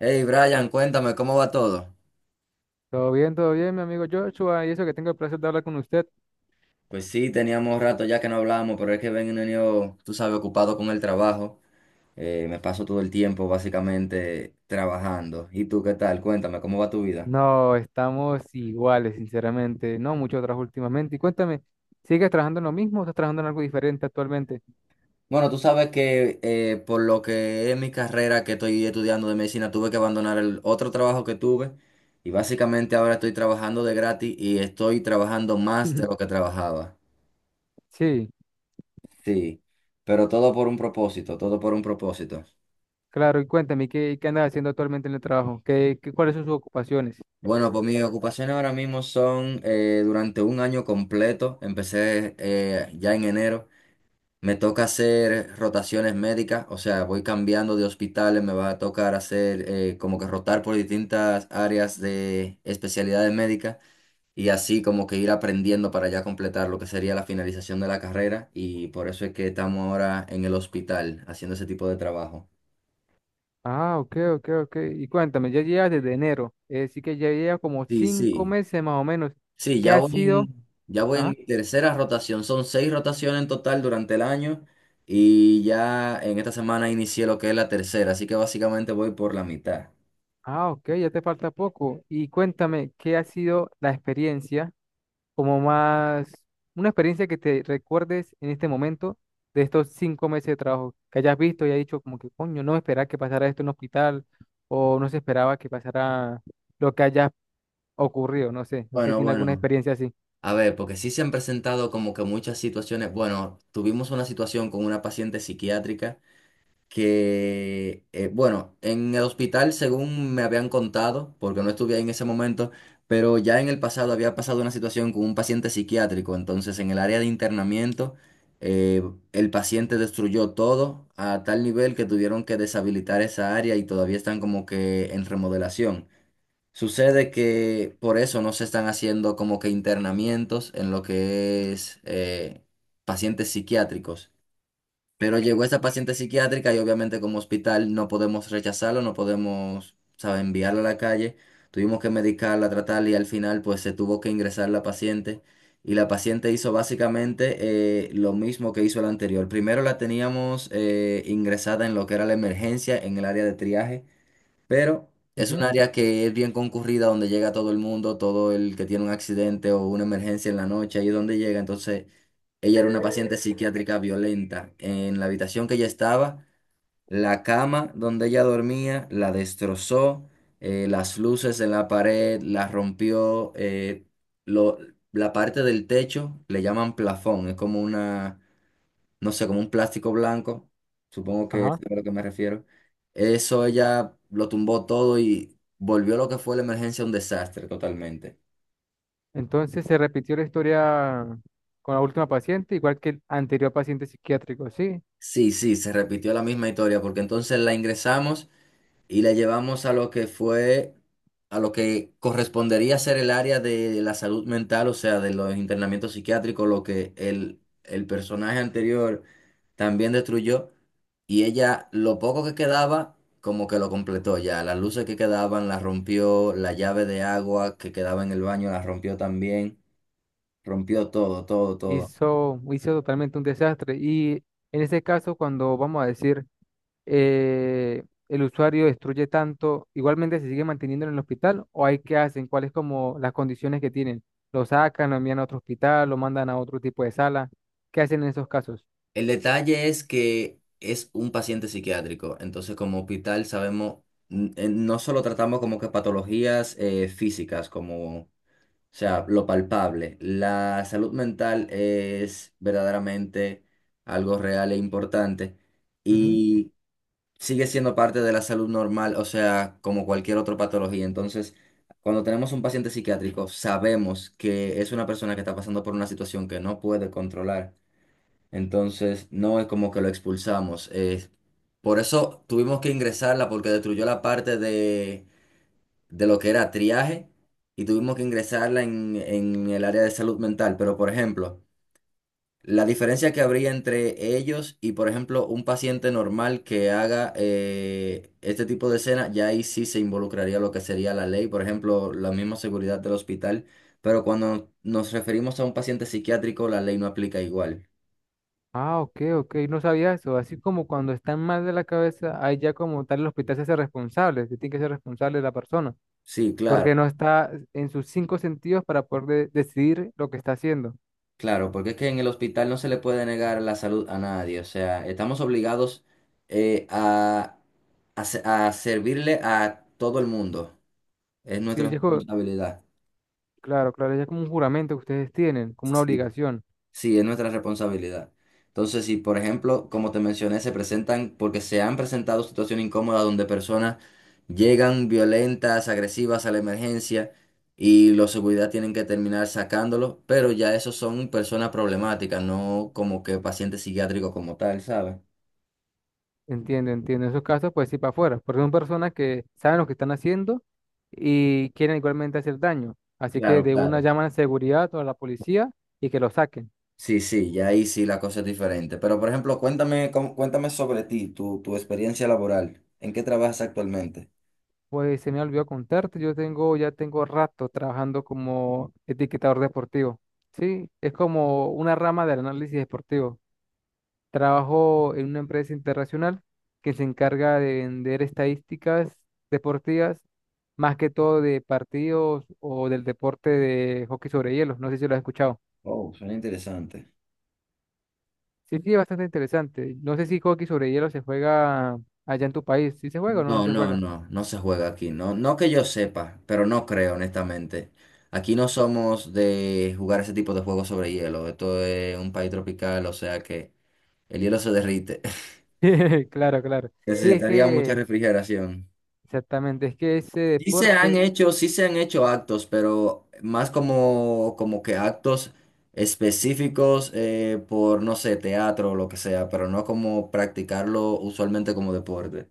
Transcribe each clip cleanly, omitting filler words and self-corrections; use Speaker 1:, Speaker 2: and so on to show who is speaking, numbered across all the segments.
Speaker 1: Hey Brian, cuéntame, ¿cómo va todo?
Speaker 2: Todo bien, mi amigo Joshua, y eso que tengo el placer de hablar con usted.
Speaker 1: Pues sí, teníamos rato ya que no hablábamos, pero es que venido, tú sabes, ocupado con el trabajo. Me paso todo el tiempo básicamente trabajando. ¿Y tú qué tal? Cuéntame, ¿cómo va tu vida?
Speaker 2: No, estamos iguales, sinceramente. No mucho trabajo últimamente. Y cuéntame, ¿sigues trabajando en lo mismo o estás trabajando en algo diferente actualmente?
Speaker 1: Bueno, tú sabes que por lo que es mi carrera que estoy estudiando de medicina, tuve que abandonar el otro trabajo que tuve y básicamente ahora estoy trabajando de gratis y estoy trabajando más de lo que trabajaba.
Speaker 2: Sí,
Speaker 1: Sí, pero todo por un propósito, todo por un propósito.
Speaker 2: claro, y cuéntame, ¿qué andas haciendo actualmente en el trabajo? ¿ Cuáles son sus ocupaciones?
Speaker 1: Bueno, pues mis ocupaciones ahora mismo son durante un año completo, empecé ya en enero, me toca hacer rotaciones médicas, o sea, voy cambiando de hospitales, me va a tocar hacer como que rotar por distintas áreas de especialidades médicas y así como que ir aprendiendo para ya completar lo que sería la finalización de la carrera y por eso es que estamos ahora en el hospital haciendo ese tipo de trabajo.
Speaker 2: Ah, ok, ok, ok. Y cuéntame, ya llevas desde enero, sí que ya llevas como
Speaker 1: Sí,
Speaker 2: cinco
Speaker 1: sí.
Speaker 2: meses más o menos.
Speaker 1: Sí,
Speaker 2: ¿Qué
Speaker 1: ya
Speaker 2: ha
Speaker 1: voy
Speaker 2: sido?
Speaker 1: en, ya voy en
Speaker 2: Ajá.
Speaker 1: mi tercera rotación. Son seis rotaciones en total durante el año y ya en esta semana inicié lo que es la tercera, así que básicamente voy por la mitad.
Speaker 2: Ah, ok, ya te falta poco. Y cuéntame, ¿qué ha sido la experiencia? Como más, una experiencia que te recuerdes en este momento de estos 5 meses de trabajo, que hayas visto y hayas dicho como que coño, no esperaba que pasara esto en un hospital o no se esperaba que pasara lo que haya ocurrido, no sé, no sé si
Speaker 1: Bueno,
Speaker 2: tiene alguna
Speaker 1: bueno,
Speaker 2: experiencia así.
Speaker 1: a ver, porque sí se han presentado como que muchas situaciones. Bueno, tuvimos una situación con una paciente psiquiátrica que, bueno, en el hospital, según me habían contado, porque no estuve ahí en ese momento, pero ya en el pasado había pasado una situación con un paciente psiquiátrico, entonces en el área de internamiento, eh, el paciente destruyó todo a tal nivel que tuvieron que deshabilitar esa área y todavía están como que en remodelación. Sucede que por eso no se están haciendo como que internamientos en lo que es pacientes psiquiátricos. Pero llegó esa paciente psiquiátrica y obviamente como hospital no podemos rechazarlo, no podemos, ¿sabes?, enviarla a la calle. Tuvimos que medicarla, tratarla y al final pues se tuvo que ingresar la paciente. Y la paciente hizo básicamente lo mismo que hizo la anterior. Primero la teníamos ingresada en lo que era la emergencia, en el área de triaje. Pero es un
Speaker 2: Ujú.
Speaker 1: área que es bien concurrida, donde llega todo el mundo, todo el que tiene un accidente o una emergencia en la noche, ahí es donde llega. Entonces, ella era una paciente psiquiátrica violenta. En la habitación que ella estaba, la cama donde ella dormía la destrozó, las luces en la pared la rompió, lo- la parte del techo le llaman plafón, es como una no sé, como un plástico blanco, supongo que es,
Speaker 2: Ajá.
Speaker 1: sí, a lo que me refiero. Eso ella lo tumbó todo y volvió lo que fue la emergencia un desastre totalmente.
Speaker 2: Entonces se repitió la historia con la última paciente, igual que el anterior paciente psiquiátrico, sí,
Speaker 1: Sí, sí, se repitió la misma historia porque entonces la ingresamos y la llevamos a lo que fue, a lo que correspondería ser el área de la salud mental, o sea, de los internamientos psiquiátricos, lo que el personaje anterior también destruyó. Y ella, lo poco que quedaba, como que lo completó ya. Las luces que quedaban las rompió, la llave de agua que quedaba en el baño la rompió también. Rompió todo, todo, todo.
Speaker 2: hizo, hizo totalmente un desastre. Y en ese caso, cuando vamos a decir, el usuario destruye tanto, igualmente se sigue manteniendo en el hospital o hay que hacen, cuáles como las condiciones que tienen. Lo sacan, lo envían a otro hospital, lo mandan a otro tipo de sala. ¿Qué hacen en esos casos?
Speaker 1: El detalle es que es un paciente psiquiátrico, entonces como hospital sabemos, no solo tratamos como que patologías físicas, como, o sea, lo palpable. La salud mental es verdaderamente algo real e importante
Speaker 2: Ujú.
Speaker 1: y sigue siendo parte de la salud normal, o sea, como cualquier otra patología. Entonces, cuando tenemos un paciente psiquiátrico, sabemos que es una persona que está pasando por una situación que no puede controlar. Entonces, no es como que lo expulsamos. Por eso tuvimos que ingresarla porque destruyó la parte de lo que era triaje y tuvimos que ingresarla en el área de salud mental. Pero, por ejemplo, la diferencia que habría entre ellos y, por ejemplo, un paciente normal que haga este tipo de escena, ya ahí sí se involucraría lo que sería la ley, por ejemplo, la misma seguridad del hospital. Pero cuando nos referimos a un paciente psiquiátrico, la ley no aplica igual.
Speaker 2: Ah, ok, ok, no sabía eso. Así como cuando están mal de la cabeza, ahí ya como tal el hospital se hace responsable, se tiene que ser responsable de la persona,
Speaker 1: Sí, claro.
Speaker 2: porque no está en sus cinco sentidos para poder decidir lo que está haciendo.
Speaker 1: Claro, porque es que en el hospital no se le puede negar la salud a nadie, o sea, estamos obligados eh, a, a a servirle a todo el mundo, es
Speaker 2: Sí,
Speaker 1: nuestra
Speaker 2: ya es como
Speaker 1: responsabilidad.
Speaker 2: claro, claro, ya es como un juramento que ustedes tienen, como una
Speaker 1: Sí.
Speaker 2: obligación.
Speaker 1: Sí, es nuestra responsabilidad. Entonces, si por ejemplo, como te mencioné, se presentan, porque se han presentado situaciones incómodas donde personas llegan violentas, agresivas a la emergencia y los seguridad tienen que terminar sacándolos, pero ya esos son personas problemáticas, no como que pacientes psiquiátricos como tal, ¿sabes?
Speaker 2: Entiendo, entiendo. En esos casos, pues sí, para afuera, porque son personas que saben lo que están haciendo y quieren igualmente hacer daño. Así que
Speaker 1: Claro,
Speaker 2: de una
Speaker 1: claro.
Speaker 2: llaman a seguridad o a la policía y que lo saquen.
Speaker 1: Sí, sí, ya ahí sí la cosa es diferente. Pero por ejemplo, cuéntame, cómo- cuéntame sobre ti, tu experiencia laboral. ¿En qué trabajas actualmente?
Speaker 2: Pues se me olvidó contarte, yo tengo, ya tengo rato trabajando como etiquetador deportivo. Sí, es como una rama del análisis deportivo. Trabajo en una empresa internacional que se encarga de vender estadísticas deportivas, más que todo de partidos o del deporte de hockey sobre hielo. No sé si lo has escuchado.
Speaker 1: Oh, suena interesante.
Speaker 2: Sí, sí, es bastante interesante. No sé si hockey sobre hielo se juega allá en tu país. ¿Sí se juega o no, no
Speaker 1: No,
Speaker 2: se
Speaker 1: no,
Speaker 2: juega?
Speaker 1: no, no se juega aquí, no, no que yo sepa, pero no creo, honestamente. Aquí no somos de jugar ese tipo de juegos sobre hielo. Esto es un país tropical, o sea que el hielo se derrite.
Speaker 2: Claro, claro. Sí, es
Speaker 1: Necesitaría mucha
Speaker 2: que
Speaker 1: refrigeración.
Speaker 2: exactamente, es que ese
Speaker 1: Sí se han
Speaker 2: deporte.
Speaker 1: hecho, sí se han hecho actos, pero más como que actos específicos por, no sé, teatro o lo que sea, pero no como practicarlo usualmente como deporte.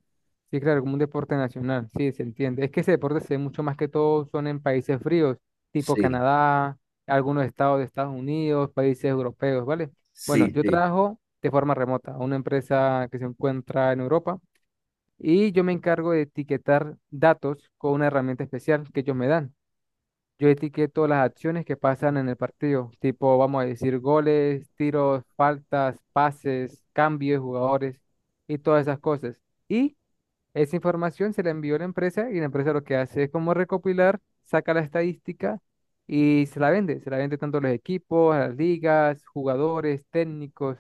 Speaker 2: Sí, claro, como un deporte nacional, sí, se entiende. Es que ese deporte se ve mucho más que todo son en países fríos, tipo
Speaker 1: Sí,
Speaker 2: Canadá, algunos estados de Estados Unidos, países europeos, ¿vale? Bueno,
Speaker 1: sí,
Speaker 2: yo
Speaker 1: sí.
Speaker 2: trabajo de forma remota a una empresa que se encuentra en Europa y yo me encargo de etiquetar datos con una herramienta especial que ellos me dan. Yo etiqueto las acciones que pasan en el partido, tipo, vamos a decir, goles, tiros, faltas, pases, cambios de jugadores y todas esas cosas. Y esa información se la envió a la empresa, y la empresa lo que hace es como recopilar, saca la estadística y se la vende. Se la vende tanto a los equipos, a las ligas, jugadores, técnicos,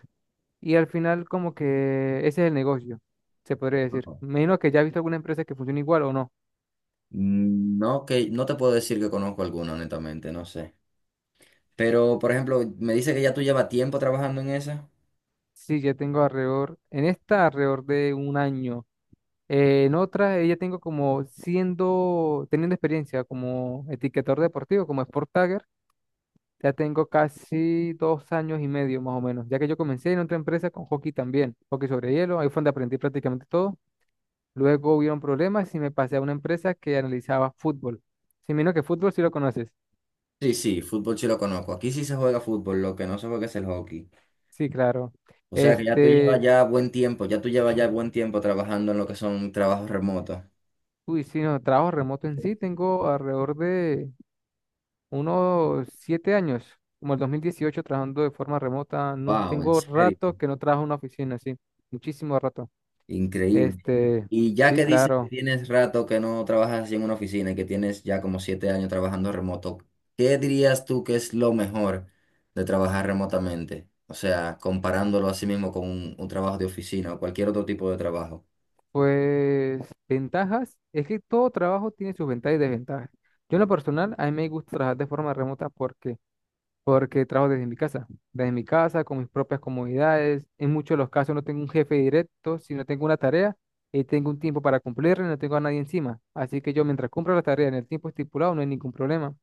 Speaker 2: y al final como que ese es el negocio, se podría decir. Me imagino que ya has visto alguna empresa que funciona igual o no.
Speaker 1: No, que no te puedo decir que conozco alguno, honestamente, no sé. Pero, por ejemplo, me dice que ya tú llevas tiempo trabajando en esa.
Speaker 2: Sí, ya tengo alrededor, en esta alrededor de 1 año. En otra, ya tengo como teniendo experiencia como etiquetador deportivo, como Sport Tagger. Ya tengo casi 2 años y medio más o menos, ya que yo comencé en otra empresa con hockey también, hockey sobre hielo, ahí fue donde aprendí prácticamente todo. Luego hubieron problemas y me pasé a una empresa que analizaba fútbol. Si menos que fútbol, si lo conoces.
Speaker 1: Sí, sí, fútbol sí lo conozco. Aquí sí se juega fútbol, lo que no se juega es el hockey.
Speaker 2: Sí, claro.
Speaker 1: O sea que ya tú llevas
Speaker 2: Este,
Speaker 1: ya buen tiempo, ya tú llevas ya buen tiempo trabajando en lo que son trabajos remotos.
Speaker 2: uy, sí, no, trabajo remoto en sí, tengo alrededor de unos 7 años, como el 2018 trabajando de forma remota. No,
Speaker 1: Wow, en
Speaker 2: tengo
Speaker 1: serio.
Speaker 2: rato que no trabajo en una oficina, sí, muchísimo rato.
Speaker 1: Increíble.
Speaker 2: Este,
Speaker 1: Y ya
Speaker 2: sí,
Speaker 1: que dices que
Speaker 2: claro.
Speaker 1: tienes rato que no trabajas así en una oficina y que tienes ya como 7 años trabajando remoto, ¿qué dirías tú que es lo mejor de trabajar remotamente? O sea, comparándolo así mismo con un trabajo de oficina o cualquier otro tipo de trabajo.
Speaker 2: Pues ventajas, es que todo trabajo tiene sus ventajas y desventajas. Yo en lo personal, a mí me gusta trabajar de forma remota porque trabajo desde mi casa, con mis propias comodidades. En muchos de los casos no tengo un jefe directo, sino tengo una tarea y tengo un tiempo para cumplirla y no tengo a nadie encima. Así que yo mientras cumplo la tarea en el tiempo estipulado no hay ningún problema.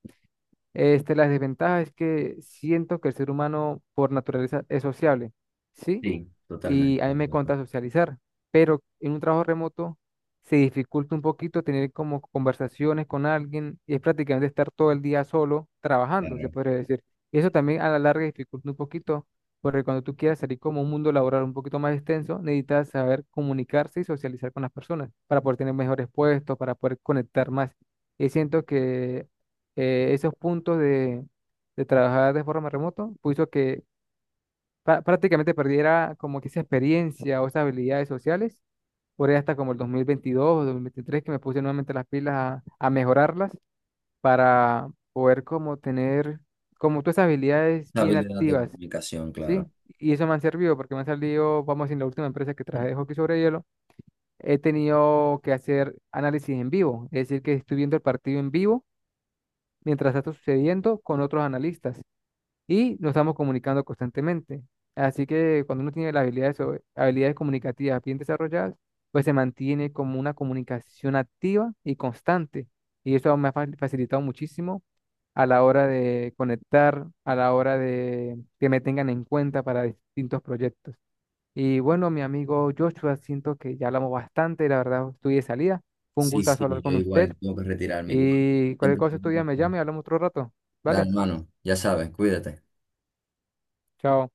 Speaker 2: Este, la desventaja es que siento que el ser humano por naturaleza es sociable, ¿sí?
Speaker 1: Sí,
Speaker 2: Y
Speaker 1: totalmente
Speaker 2: a mí
Speaker 1: de
Speaker 2: me
Speaker 1: acuerdo.
Speaker 2: encanta socializar, pero en un trabajo remoto se dificulta un poquito tener como conversaciones con alguien, y es prácticamente estar todo el día solo trabajando, se
Speaker 1: Claro.
Speaker 2: podría decir. Y eso también a la larga dificulta un poquito, porque cuando tú quieras salir como un mundo laboral un poquito más extenso, necesitas saber comunicarse y socializar con las personas para poder tener mejores puestos, para poder conectar más. Y siento que esos puntos de trabajar de forma remoto, puso que prácticamente perdiera como que esa experiencia o esas habilidades sociales, por ahí hasta como el 2022 o 2023, que me puse nuevamente las pilas a mejorarlas para poder como tener como todas esas habilidades bien
Speaker 1: Habilidad de
Speaker 2: activas,
Speaker 1: comunicación, claro.
Speaker 2: ¿sí? Y eso me han servido porque me han salido, vamos a decir, en la última empresa que traje de hockey sobre hielo, he tenido que hacer análisis en vivo, es decir, que estoy viendo el partido en vivo mientras está sucediendo con otros analistas y nos estamos comunicando constantemente. Así que cuando uno tiene las habilidades, habilidades comunicativas bien desarrolladas, pues se mantiene como una comunicación activa y constante. Y eso me ha facilitado muchísimo a la hora de conectar, a la hora de que me tengan en cuenta para distintos proyectos. Y bueno, mi amigo Joshua, siento que ya hablamos bastante, la verdad estoy de salida. Fue un
Speaker 1: Sí,
Speaker 2: gustazo
Speaker 1: sí,
Speaker 2: hablar
Speaker 1: yo
Speaker 2: con usted
Speaker 1: igual tengo que retirarme igual.
Speaker 2: y cualquier
Speaker 1: Siempre es
Speaker 2: cosa
Speaker 1: un
Speaker 2: estudia me
Speaker 1: placer.
Speaker 2: llame y hablamos otro rato.
Speaker 1: Dale,
Speaker 2: ¿Vale?
Speaker 1: hermano, ya sabes, cuídate.
Speaker 2: Chao.